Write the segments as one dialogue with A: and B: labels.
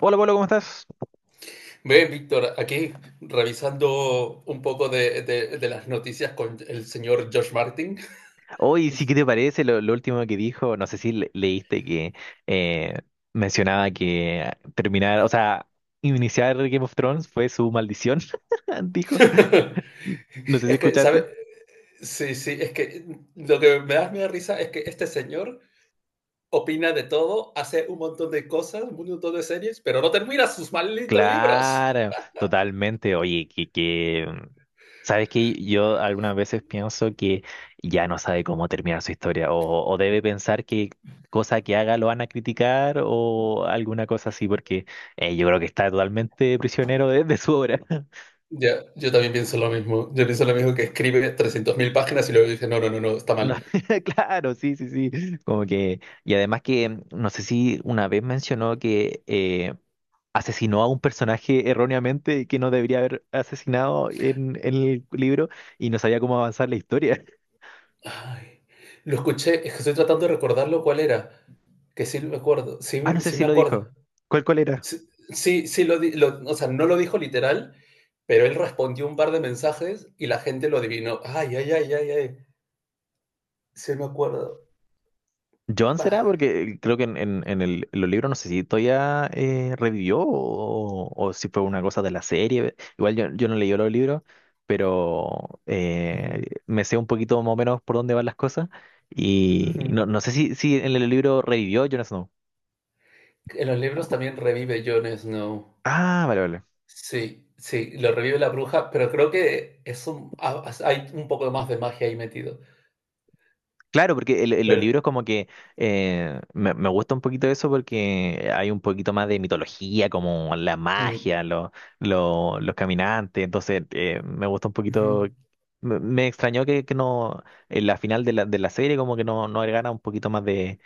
A: Hola, Pablo, ¿cómo estás?
B: Bien, Víctor, aquí revisando un poco de las noticias con el señor George Martin.
A: Hoy sí, ¿qué te parece lo último que dijo? No sé si leíste que eh, mencionaba que o sea, iniciar Game of Thrones fue su maldición, dijo. No sé si
B: Es que,
A: escuchaste.
B: ¿sabe? Sí, sí, es que lo que me da miedo risa es que este señor opina de todo, hace un montón de cosas, un montón de series, pero no termina sus malditos libros.
A: Claro, totalmente. Oye, que, sabes que yo algunas veces pienso que ya no sabe cómo terminar su historia o debe pensar que cosa que haga lo van a criticar o alguna cosa así, porque yo creo que está totalmente prisionero de su obra.
B: Ya, yo también pienso lo mismo. Yo pienso lo mismo que escribe 300.000 páginas y luego dice, no, no, no, no, está
A: No,
B: mal.
A: claro, sí, sí, sí. Como que, y además que no sé si una vez mencionó que asesinó a un personaje erróneamente que no debería haber asesinado en el libro y no sabía cómo avanzar la historia.
B: Ay, lo escuché, es que estoy tratando de recordarlo cuál era, que sí me acuerdo, sí,
A: Ah, no sé
B: sí
A: si
B: me
A: lo
B: acuerdo.
A: dijo. ¿Cuál era?
B: Sí, sí, sí o sea, no lo dijo literal, pero él respondió un par de mensajes y la gente lo adivinó. Ay, ay, ay, ay, ay, sí me acuerdo.
A: ¿John será?
B: Ay,
A: Porque creo que en los libros no sé si todavía revivió o si fue una cosa de la serie. Igual yo no leí los libros, pero
B: ujú,
A: me sé un poquito más o menos por dónde van las cosas. Y no,
B: ujú.
A: no sé si en el libro revivió Jon Snow.
B: En los libros también revive Jon Snow.
A: Ah, vale, vale.
B: Sí, sí, lo revive la bruja, pero creo que es un, hay un poco más de magia ahí metido.
A: Claro, porque en los
B: Pero,
A: libros como que me gusta un poquito eso porque hay un poquito más de mitología, como la
B: mm,
A: magia, los caminantes, entonces me gusta un
B: ujú,
A: poquito, me extrañó que no, en la final de la serie como que no agregara un poquito más de,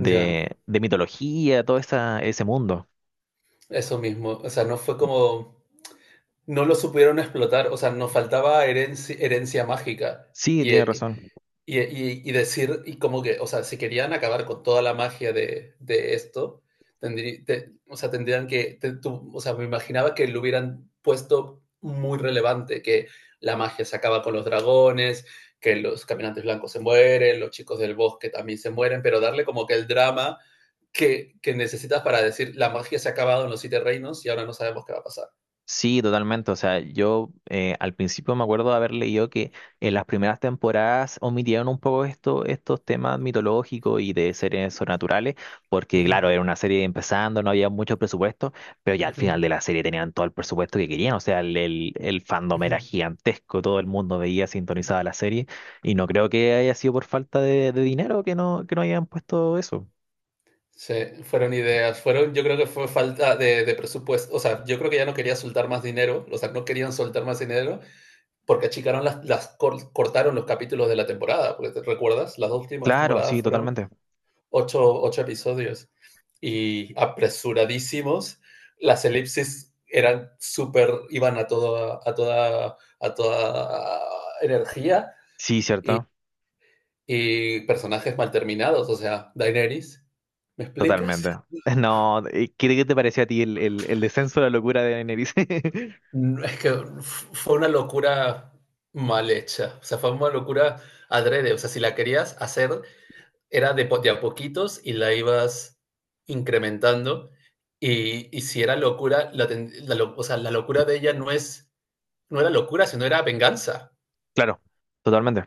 B: ya.
A: de mitología, todo ese mundo.
B: Eso mismo, o sea, no fue como, no lo supieron explotar, o sea, nos faltaba herencia, herencia mágica
A: Sí,
B: y,
A: tiene
B: eh,
A: razón.
B: y, y- y decir, y como que, o sea, si querían acabar con toda la magia de esto, o sea, tendrían que, o sea, me imaginaba que lo hubieran puesto muy relevante, que la magia se acaba con los dragones, que los caminantes blancos se mueren, los chicos del bosque también se mueren, pero darle como que el drama que necesitas para decir la magia se ha acabado en los siete reinos y ahora no sabemos qué va a pasar.
A: Sí, totalmente. O sea, yo al principio me acuerdo de haber leído que en las primeras temporadas omitieron un poco estos temas mitológicos y de seres sobrenaturales, porque
B: Ujú,
A: claro, era una serie empezando, no había mucho presupuesto, pero ya al
B: ujú,
A: final de la serie tenían todo el presupuesto que querían. O sea, el fandom
B: ujú.
A: era gigantesco, todo el mundo veía sintonizada la serie y no creo que haya sido por falta de dinero que no, hayan puesto eso.
B: Sí, fueron ideas, fueron, yo creo que fue falta de presupuesto, o sea, yo creo que ya no quería soltar más dinero, o sea, no querían soltar más dinero porque achicaron las cortaron los capítulos de la temporada, porque te recuerdas, las dos últimas
A: Claro, sí,
B: temporadas fueron
A: totalmente.
B: ocho, ocho episodios y apresuradísimos. Las elipsis eran súper, iban a toda energía
A: Sí, cierto.
B: y personajes mal terminados, o sea, Daenerys, ¿me explicas?
A: Totalmente. No, ¿qué te pareció a ti el descenso de la locura de Daenerys?
B: Es que fue una locura mal hecha, o sea, fue una locura adrede, o sea, si la querías hacer era de a poquitos y la ibas incrementando. Y si era locura, la, ten- la lo- o sea, la locura de ella no es, no era locura, sino era venganza.
A: Claro, totalmente.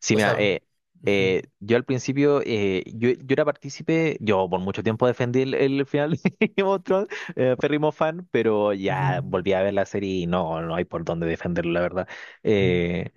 A: Sí,
B: O
A: mira,
B: sea, ujú,
A: yo al principio, yo era partícipe, yo por mucho tiempo defendí el final de Game of Thrones, férrimo fan, pero
B: ujú.
A: ya volví a ver la serie y no hay por dónde defenderlo, la verdad. Eh,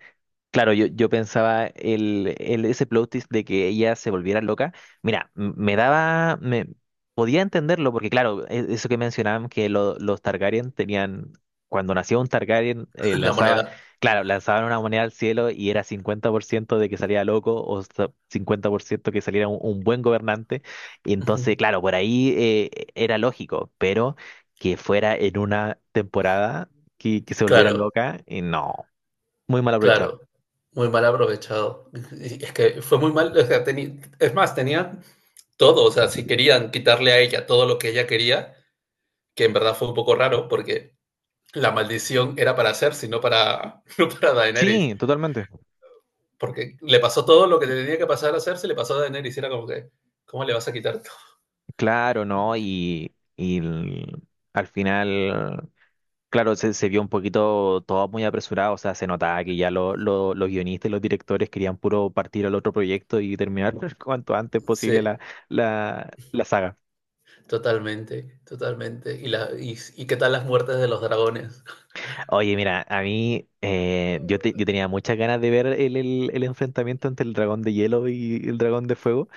A: Claro, yo pensaba ese plot twist de que ella se volviera loca. Mira, me podía entenderlo porque claro, eso que mencionaban que los Targaryen tenían, cuando nacía un Targaryen eh,
B: La
A: lanzaba,
B: moneda.
A: claro, lanzaban una moneda al cielo y era 50% de que salía loco o 50% que saliera un buen gobernante. Y entonces,
B: Ujú.
A: claro, por ahí era lógico, pero que fuera en una temporada que se volviera
B: Claro,
A: loca, y no, muy mal aprovechado.
B: claro. Muy mal aprovechado. Y es que fue muy mal, o sea, es más, tenían todo. O sea, si querían quitarle a ella todo lo que ella quería, que en verdad fue un poco raro, porque la maldición era para Cersei, no para, no para Daenerys.
A: Sí, totalmente.
B: Porque le pasó todo lo que tenía que pasar a hacerse, le pasó a Daenerys y era como que, ¿cómo le vas a quitar todo?
A: Claro, ¿no? Y al final, claro, se vio un poquito todo muy apresurado, o sea, se notaba que ya los guionistas y los directores querían puro partir al otro proyecto y terminar cuanto antes
B: Sí,
A: posible la saga.
B: totalmente, totalmente. ¿Y qué tal las muertes de los dragones?
A: Oye, mira, a mí yo tenía muchas ganas de ver el enfrentamiento entre el dragón de hielo y el dragón de fuego.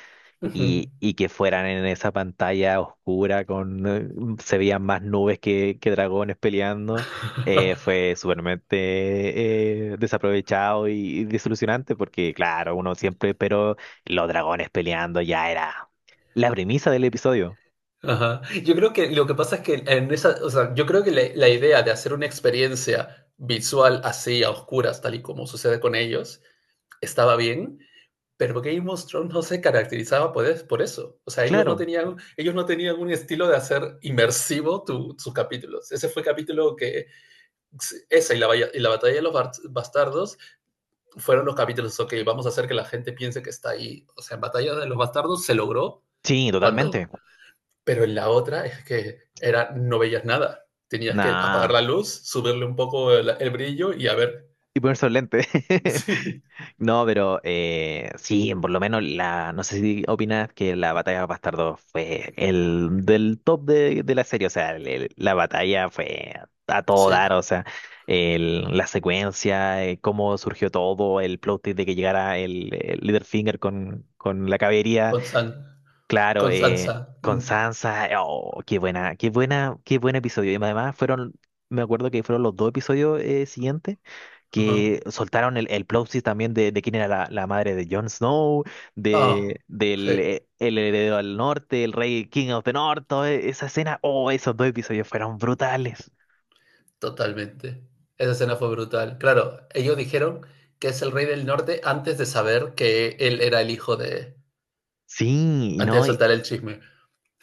A: y, y que fueran en esa pantalla oscura con, se veían más nubes que dragones peleando, fue supermente desaprovechado y desilusionante porque claro, uno siempre pero los dragones peleando ya era la premisa del episodio.
B: Ajá. Yo creo que lo que pasa es que en esa, o sea, yo creo que la idea de hacer una experiencia visual así, a oscuras, tal y como sucede con ellos, estaba bien. Pero Game of Thrones no se caracterizaba por eso. O sea, ellos no
A: Claro,
B: tenían, ellos no tenían un estilo de hacer inmersivo sus capítulos. Ese fue el capítulo que, esa y y la batalla de los bastardos fueron los capítulos, ok, vamos a hacer que la gente piense que está ahí. O sea, en batalla de los bastardos se logró
A: sí, totalmente.
B: cuando. Pero en la otra es que era, no veías nada. Tenías que apagar
A: Nada.
B: la luz, subirle un poco el brillo y a ver.
A: Y ponerse los lentes.
B: Sí,
A: No, pero sí, por lo menos no sé si opinas que la batalla de Bastardo fue el del top de la serie, o sea, la batalla fue a todo dar,
B: sí,
A: o sea, la secuencia, cómo surgió todo, el plot twist de que llegara el Littlefinger con la caballería.
B: con, San,
A: Claro,
B: con Sansa.
A: con
B: Mm,
A: Sansa, oh, qué buena, qué buena, qué buen episodio. Y además me acuerdo que fueron los dos episodios siguientes
B: ajá.
A: que soltaron el plot twist también de quién era la madre de Jon Snow,
B: Ah,
A: de, del
B: sí,
A: el heredero al norte, el rey King of the North, toda esa escena, oh, esos dos episodios fueron brutales.
B: totalmente. Esa escena fue brutal. Claro, ellos dijeron que es el rey del norte antes de saber que él era el hijo de.
A: Sí,
B: Antes de
A: ¿no?
B: soltar el chisme.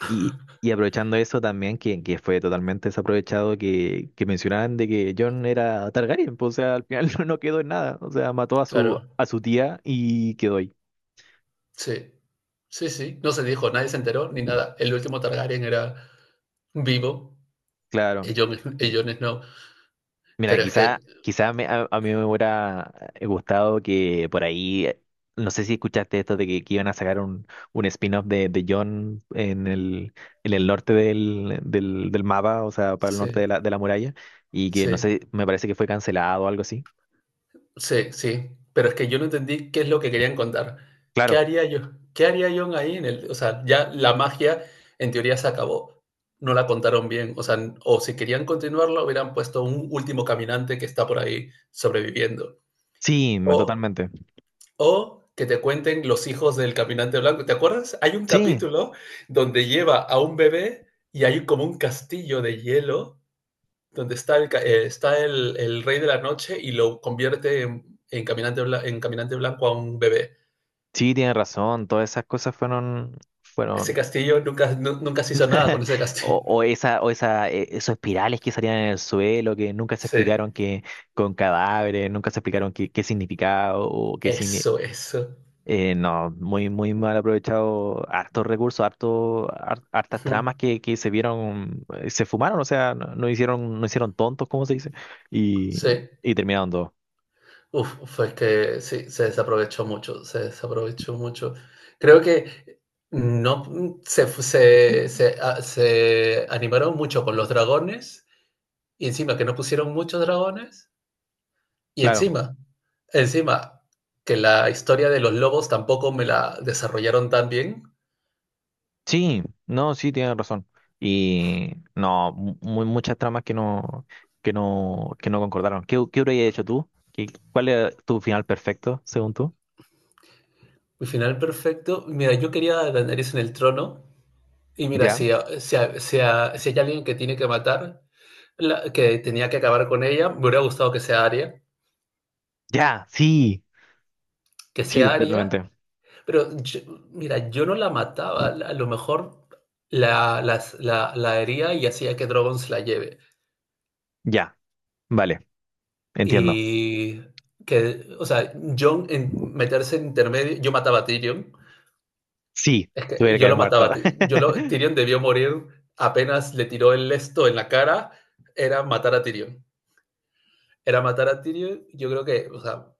A: Y aprovechando eso también, que fue totalmente desaprovechado, que mencionaban de que John era Targaryen, pues, o sea, al final no quedó en nada, o sea, mató
B: Claro,
A: a su tía y quedó ahí,
B: sí. Sí, sí. No se dijo, nadie se enteró ni nada. El último Targaryen era vivo, y
A: claro.
B: Jon, y Jon Snow.
A: Mira,
B: Pero es que,
A: quizá, quizá a mí me hubiera gustado que por ahí, no sé si escuchaste esto de que iban a sacar un spin-off de John en el norte del mapa, o sea, para el norte
B: sí,
A: de la muralla, y que no
B: sí.
A: sé, me parece que fue cancelado o algo así.
B: Sí, sí, pero es que yo no entendí qué es lo que querían contar. ¿Qué
A: Claro.
B: haría yo? ¿Qué haría Jon ahí en el, o sea, ya la magia en teoría se acabó? No la contaron bien, o sea, o si querían continuarla hubieran puesto un último caminante que está por ahí sobreviviendo.
A: Sí,
B: O
A: totalmente.
B: o que te cuenten los hijos del caminante blanco. ¿Te acuerdas? Hay un
A: Sí,
B: capítulo donde lleva a un bebé y hay como un castillo de hielo donde está el rey de la noche y lo convierte en caminante, en caminante blanco a un bebé.
A: sí, tienes razón. Todas esas cosas fueron,
B: Ese
A: fueron,
B: castillo nunca, nunca se hizo nada con ese
A: o,
B: castillo.
A: o esa, o esa, e- esos espirales que salían en el suelo, que nunca se
B: Sí,
A: explicaron que con cadáveres, nunca se explicaron qué significaba
B: eso, eso.
A: no, muy, muy mal aprovechado, hartos recursos, hartas tramas que se vieron, se fumaron, o sea, no hicieron tontos, como se dice,
B: Sí,
A: y terminaron todo.
B: uf, fue que sí, se desaprovechó mucho, se desaprovechó mucho. Creo que no, se animaron mucho con los dragones y encima que no pusieron muchos dragones. Y
A: Claro.
B: encima, encima, que la historia de los lobos tampoco me la desarrollaron tan bien.
A: Sí, no, sí, tienes razón. Y no, muchas tramas que no concordaron. ¿Qué habrías hecho tú? ¿Cuál era tu final perfecto, según tú?
B: Mi final perfecto. Mira, yo quería a Daenerys en el trono. Y mira,
A: ¿Ya?
B: si, si- si hay alguien que tiene que matar, que tenía que acabar con ella, me hubiera gustado que sea Arya.
A: Ya, sí,
B: Que
A: sí,
B: sea Arya.
A: totalmente.
B: Pero mira, yo no la mataba. A lo mejor la hería y hacía que Drogon se la lleve.
A: Ya, vale, entiendo.
B: Y que, o sea, Jon en meterse en intermedio, yo mataba a Tyrion.
A: Sí,
B: Es que
A: tuviera que
B: yo
A: haber
B: lo
A: muerto.
B: mataba. Tyrion debió morir apenas le tiró el esto en la cara. Era matar a Tyrion. Era matar a Tyrion. Yo creo que, o sea,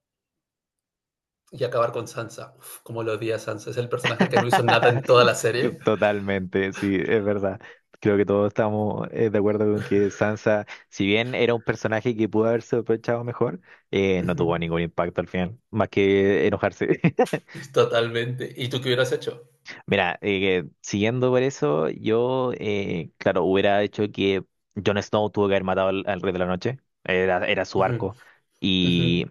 B: y acabar con Sansa. Uf, como lo odia Sansa. Es el personaje que no hizo nada en toda la serie.
A: Totalmente, sí, es verdad. Creo que todos estamos de acuerdo con que Sansa, si bien era un personaje que pudo haberse aprovechado mejor, no tuvo ningún impacto al final, más que enojarse.
B: Totalmente. ¿Y tú qué hubieras hecho?
A: Mira, siguiendo por eso, claro, hubiera hecho que Jon Snow tuvo que haber matado al Rey de la Noche, era su
B: Uh-huh,
A: arco,
B: uh-huh,
A: y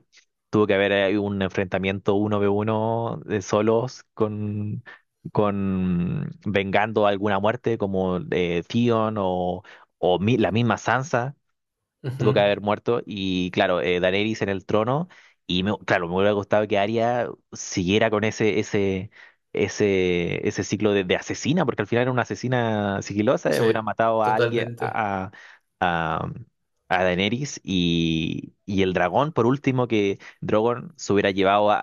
A: tuvo que haber un enfrentamiento uno v uno de solos con vengando alguna muerte como Theon o, la misma Sansa tuvo
B: uh-huh.
A: que haber muerto. Y claro, Daenerys en el trono. Y claro, me hubiera gustado que Arya siguiera con ese ciclo de asesina, porque al final era una asesina sigilosa, hubiera
B: Sí,
A: matado a alguien,
B: totalmente.
A: a, a Daenerys y el dragón, por último, que Drogon se hubiera llevado a,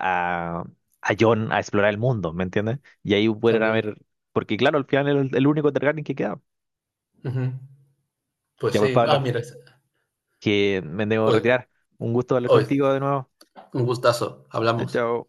A: a, a Jon a explorar el mundo, ¿me entiendes? Y ahí pudieran
B: También.
A: haber, porque claro, al final era el único Targaryen que queda.
B: Uh-huh. Pues
A: Ya pues,
B: sí.
A: Pablo,
B: Ah, mira.
A: que me debo
B: Hoy,
A: retirar. Un gusto hablar
B: hoy.
A: contigo de nuevo.
B: Un gustazo.
A: Chao,
B: Hablamos.
A: chao.